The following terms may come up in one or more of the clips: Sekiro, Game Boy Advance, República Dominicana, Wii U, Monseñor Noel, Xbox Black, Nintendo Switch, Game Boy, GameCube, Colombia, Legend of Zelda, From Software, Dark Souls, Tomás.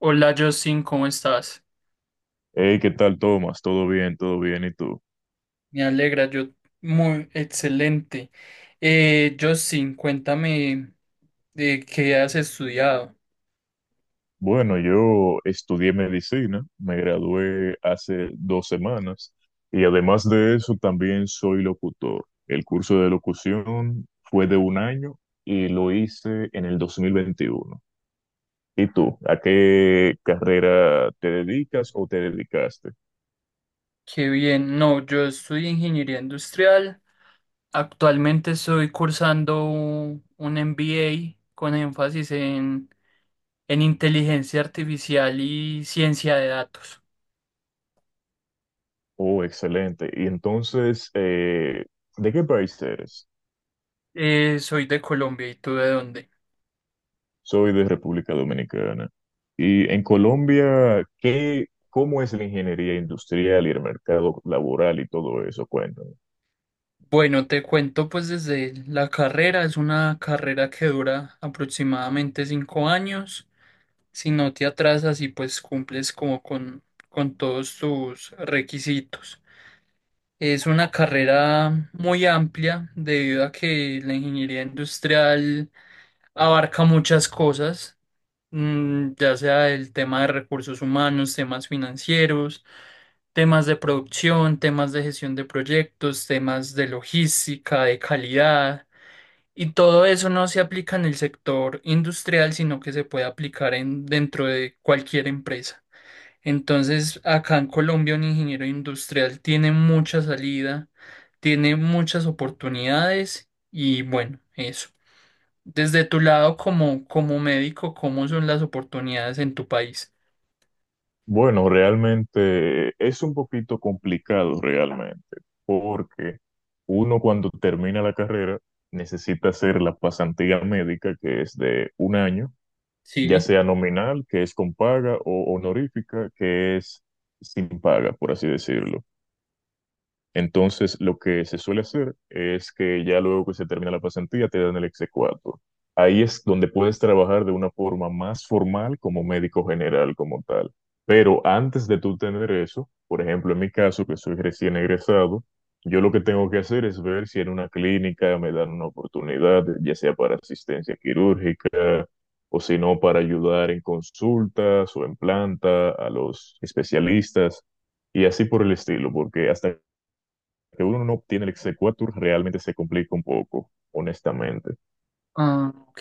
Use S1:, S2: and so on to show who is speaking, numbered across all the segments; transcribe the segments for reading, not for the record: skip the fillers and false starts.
S1: Hola Justin, ¿cómo estás?
S2: Hey, ¿qué tal, Tomás? ¿Todo bien? ¿Todo bien? ¿Y tú?
S1: Me alegra, yo muy excelente. Justin, cuéntame de qué has estudiado.
S2: Bueno, yo estudié medicina, me gradué hace 2 semanas y además de eso también soy locutor. El curso de locución fue de 1 año y lo hice en el 2021. ¿Y tú? ¿A qué carrera te dedicas o te dedicaste?
S1: Qué bien, no, yo estudio ingeniería industrial. Actualmente estoy cursando un MBA con énfasis en inteligencia artificial y ciencia de datos.
S2: Oh, excelente. Y entonces, ¿de qué país eres?
S1: Soy de Colombia, ¿y tú de dónde?
S2: Soy de República Dominicana. Y en Colombia, ¿qué, cómo es la ingeniería industrial y el mercado laboral y todo eso? Cuéntame.
S1: Bueno, te cuento pues desde la carrera, es una carrera que dura aproximadamente 5 años. Si no te atrasas y pues cumples como con todos tus requisitos. Es una carrera muy amplia debido a que la ingeniería industrial abarca muchas cosas, ya sea el tema de recursos humanos, temas financieros, temas de producción, temas de gestión de proyectos, temas de logística, de calidad. Y todo eso no se aplica en el sector industrial, sino que se puede aplicar dentro de cualquier empresa. Entonces, acá en Colombia, un ingeniero industrial tiene mucha salida, tiene muchas oportunidades y bueno, eso. Desde tu lado como médico, ¿cómo son las oportunidades en tu país?
S2: Bueno, realmente es un poquito complicado realmente, porque uno cuando termina la carrera necesita hacer la pasantía médica, que es de 1 año, ya
S1: Sí.
S2: sea nominal, que es con paga, o honorífica, que es sin paga, por así decirlo. Entonces, lo que se suele hacer es que ya luego que se termina la pasantía te dan el exequatur. Ahí es donde puedes trabajar de una forma más formal como médico general, como tal. Pero antes de tú tener eso, por ejemplo, en mi caso, que soy recién egresado, yo lo que tengo que hacer es ver si en una clínica me dan una oportunidad, ya sea para asistencia quirúrgica o si no para ayudar en consultas o en planta a los especialistas y así por el estilo, porque hasta que uno no obtiene el exequatur realmente se complica un poco, honestamente.
S1: Ah, ok.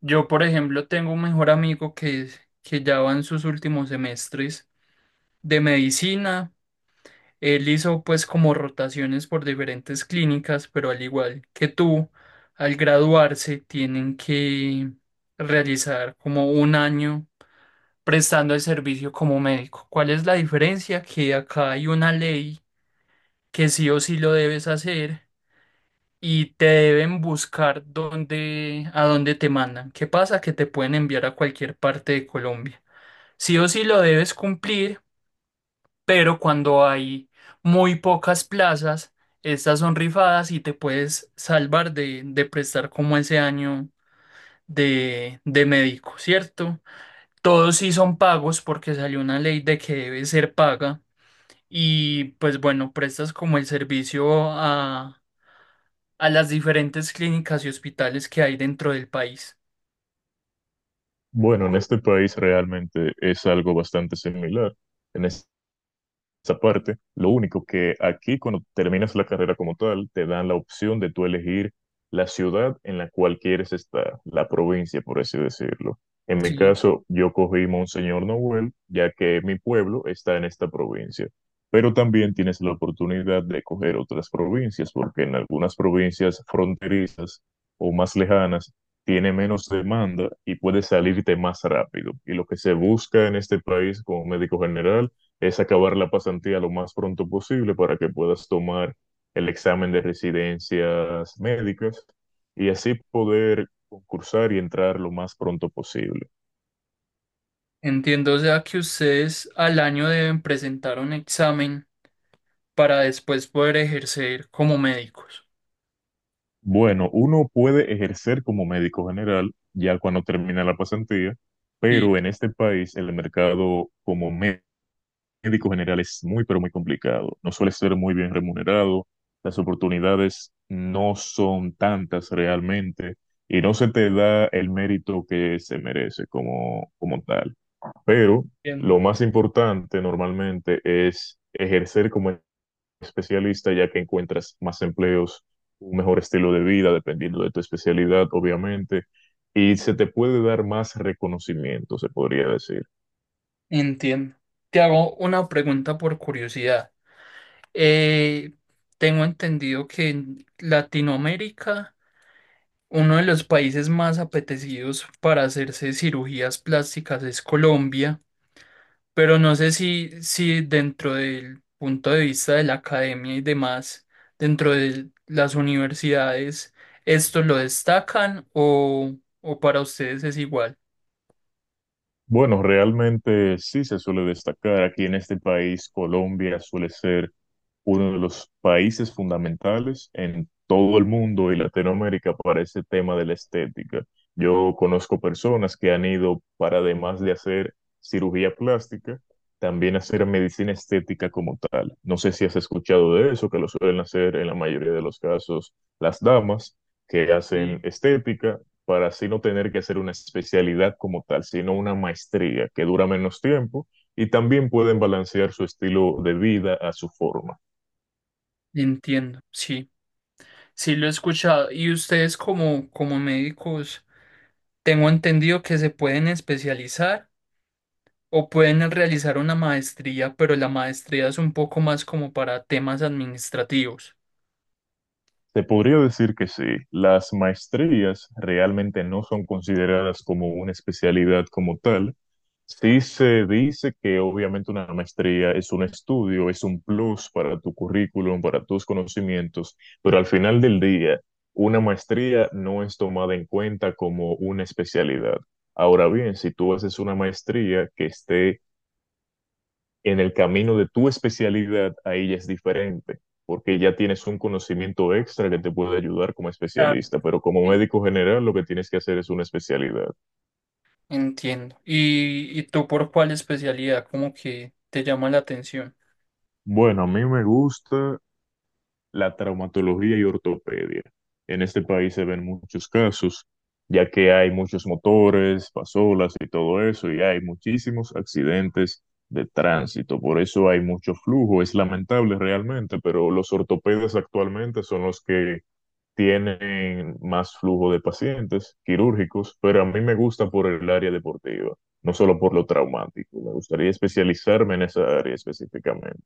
S1: Yo, por ejemplo, tengo un mejor amigo que ya va en sus últimos semestres de medicina. Él hizo pues como rotaciones por diferentes clínicas, pero al igual que tú, al graduarse tienen que realizar como un año prestando el servicio como médico. ¿Cuál es la diferencia? Que acá hay una ley que sí o sí lo debes hacer y te deben buscar a dónde te mandan. ¿Qué pasa? Que te pueden enviar a cualquier parte de Colombia. Sí o sí lo debes cumplir pero cuando hay muy pocas plazas, estas son rifadas y te puedes salvar de prestar como ese año de médico, ¿cierto? Todos sí son pagos porque salió una ley de que debe ser paga y pues bueno, prestas como el servicio a las diferentes clínicas y hospitales que hay dentro del país.
S2: Bueno, en este país realmente es algo bastante similar. En es- Esa parte, lo único que aquí cuando terminas la carrera como tal, te dan la opción de tú elegir la ciudad en la cual quieres estar, la provincia, por así decirlo. En mi
S1: Sí.
S2: caso, yo cogí Monseñor Noel, ya que mi pueblo está en esta provincia, pero también tienes la oportunidad de coger otras provincias, porque en algunas provincias fronterizas o más lejanas tiene menos demanda y puedes salirte más rápido. Y lo que se busca en este país como médico general es acabar la pasantía lo más pronto posible para que puedas tomar el examen de residencias médicas y así poder concursar y entrar lo más pronto posible.
S1: Entiendo, o sea, que ustedes al año deben presentar un examen para después poder ejercer como médicos.
S2: Bueno, uno puede ejercer como médico general ya cuando termina la pasantía,
S1: Sí,
S2: pero en este país el mercado como médico general es muy, pero muy complicado. No suele ser muy bien remunerado. Las oportunidades no son tantas realmente y no se te da el mérito que se merece como, como tal. Pero
S1: bien,
S2: lo más importante normalmente es ejercer como especialista ya que encuentras más empleos, un mejor estilo de vida, dependiendo de tu especialidad, obviamente, y se te puede dar más reconocimiento, se podría decir.
S1: entiendo. Te hago una pregunta por curiosidad. Eh, Tengo entendido que en Latinoamérica, uno de los países más apetecidos para hacerse cirugías plásticas es Colombia, pero no sé si dentro del punto de vista de la academia y demás, dentro de las universidades, ¿esto lo destacan o para ustedes es igual?
S2: Bueno, realmente sí se suele destacar aquí en este país, Colombia suele ser uno de los países fundamentales en todo el mundo y Latinoamérica para ese tema de la estética. Yo conozco personas que han ido para, además de hacer cirugía plástica, también hacer medicina estética como tal. No sé si has escuchado de eso, que lo suelen hacer en la mayoría de los casos las damas que hacen
S1: Sí.
S2: estética para así no tener que hacer una especialidad como tal, sino una maestría que dura menos tiempo y también pueden balancear su estilo de vida a su forma.
S1: Entiendo, sí, sí lo he escuchado. Y ustedes como médicos, tengo entendido que se pueden especializar o pueden realizar una maestría, pero la maestría es un poco más como para temas administrativos.
S2: Se podría decir que sí, las maestrías realmente no son consideradas como una especialidad como tal. Sí se dice que obviamente una maestría es un estudio, es un plus para tu currículum, para tus conocimientos, pero al final del día, una maestría no es tomada en cuenta como una especialidad. Ahora bien, si tú haces una maestría que esté en el camino de tu especialidad, ahí ya es diferente, porque ya tienes un conocimiento extra que te puede ayudar como
S1: Claro.
S2: especialista, pero como médico general lo que tienes que hacer es una especialidad.
S1: Entiendo. ¿Y tú por cuál especialidad como que te llama la atención?
S2: Bueno, a mí me gusta la traumatología y ortopedia. En este país se ven muchos casos, ya que hay muchos motores, pasolas y todo eso, y hay muchísimos accidentes de tránsito. Por eso hay mucho flujo. Es lamentable realmente, pero los ortopedas actualmente son los que tienen más flujo de pacientes quirúrgicos, pero a mí me gusta por el área deportiva, no solo por lo traumático. Me gustaría especializarme en esa área específicamente.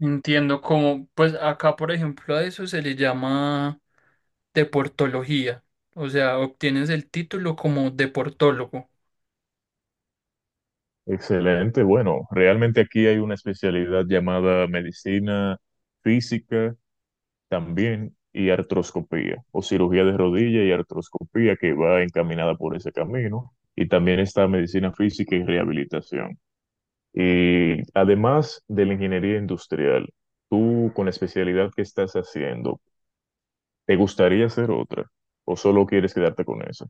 S1: Entiendo como, pues acá por ejemplo a eso se le llama deportología, o sea, obtienes el título como deportólogo.
S2: Excelente. Bueno, realmente aquí hay una especialidad llamada medicina física también y artroscopía o cirugía de rodilla y artroscopía que va encaminada por ese camino y también está medicina física y rehabilitación. Y además de la ingeniería industrial, tú con la especialidad que estás haciendo, ¿te gustaría hacer otra o solo quieres quedarte con eso?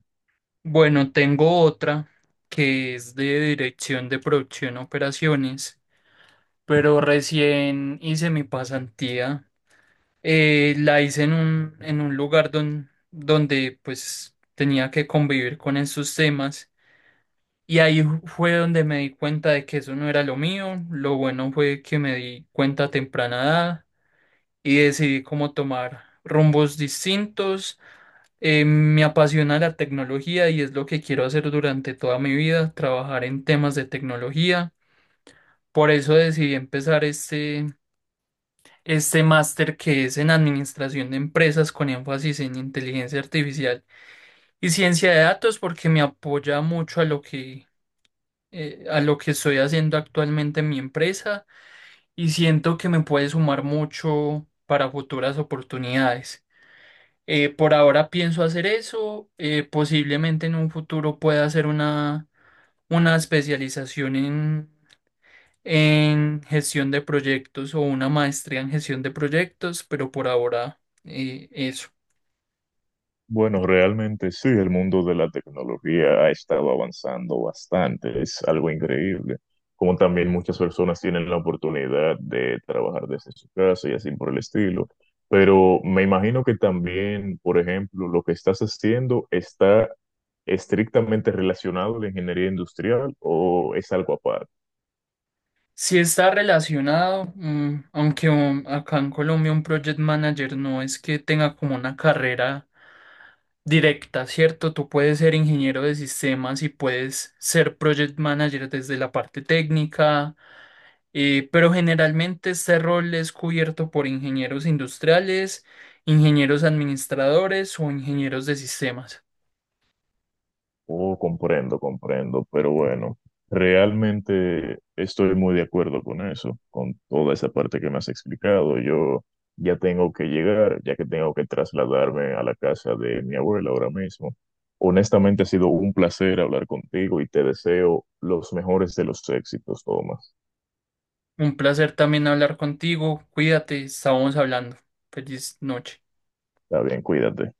S1: Bueno, tengo otra que es de dirección de producción y operaciones, pero recién hice mi pasantía. La hice en un lugar donde pues tenía que convivir con esos temas y ahí fue donde me di cuenta de que eso no era lo mío. Lo bueno fue que me di cuenta a temprana edad y decidí cómo tomar rumbos distintos. Me apasiona la tecnología y es lo que quiero hacer durante toda mi vida, trabajar en temas de tecnología. Por eso decidí empezar este máster que es en Administración de Empresas con énfasis en inteligencia artificial y ciencia de datos porque me apoya mucho a lo que, estoy haciendo actualmente en mi empresa y siento que me puede sumar mucho para futuras oportunidades. Por ahora pienso hacer eso, posiblemente en un futuro pueda hacer una especialización en gestión de proyectos o una maestría en gestión de proyectos, pero por ahora eso.
S2: Bueno, realmente sí, el mundo de la tecnología ha estado avanzando bastante, es algo increíble. Como también muchas personas tienen la oportunidad de trabajar desde su casa y así por el estilo. Pero me imagino que también, por ejemplo, lo que estás haciendo está estrictamente relacionado a la ingeniería industrial o es algo aparte.
S1: Si está relacionado, aunque acá en Colombia un project manager no es que tenga como una carrera directa, ¿cierto? Tú puedes ser ingeniero de sistemas y puedes ser project manager desde la parte técnica, pero generalmente este rol es cubierto por ingenieros industriales, ingenieros administradores o ingenieros de sistemas.
S2: Oh, comprendo, comprendo, pero bueno, realmente estoy muy de acuerdo con eso, con toda esa parte que me has explicado. Yo ya tengo que llegar, ya que tengo que trasladarme a la casa de mi abuela ahora mismo. Honestamente ha sido un placer hablar contigo y te deseo los mejores de los éxitos, Tomás.
S1: Un placer también hablar contigo. Cuídate, estábamos hablando. Feliz noche.
S2: Está bien, cuídate.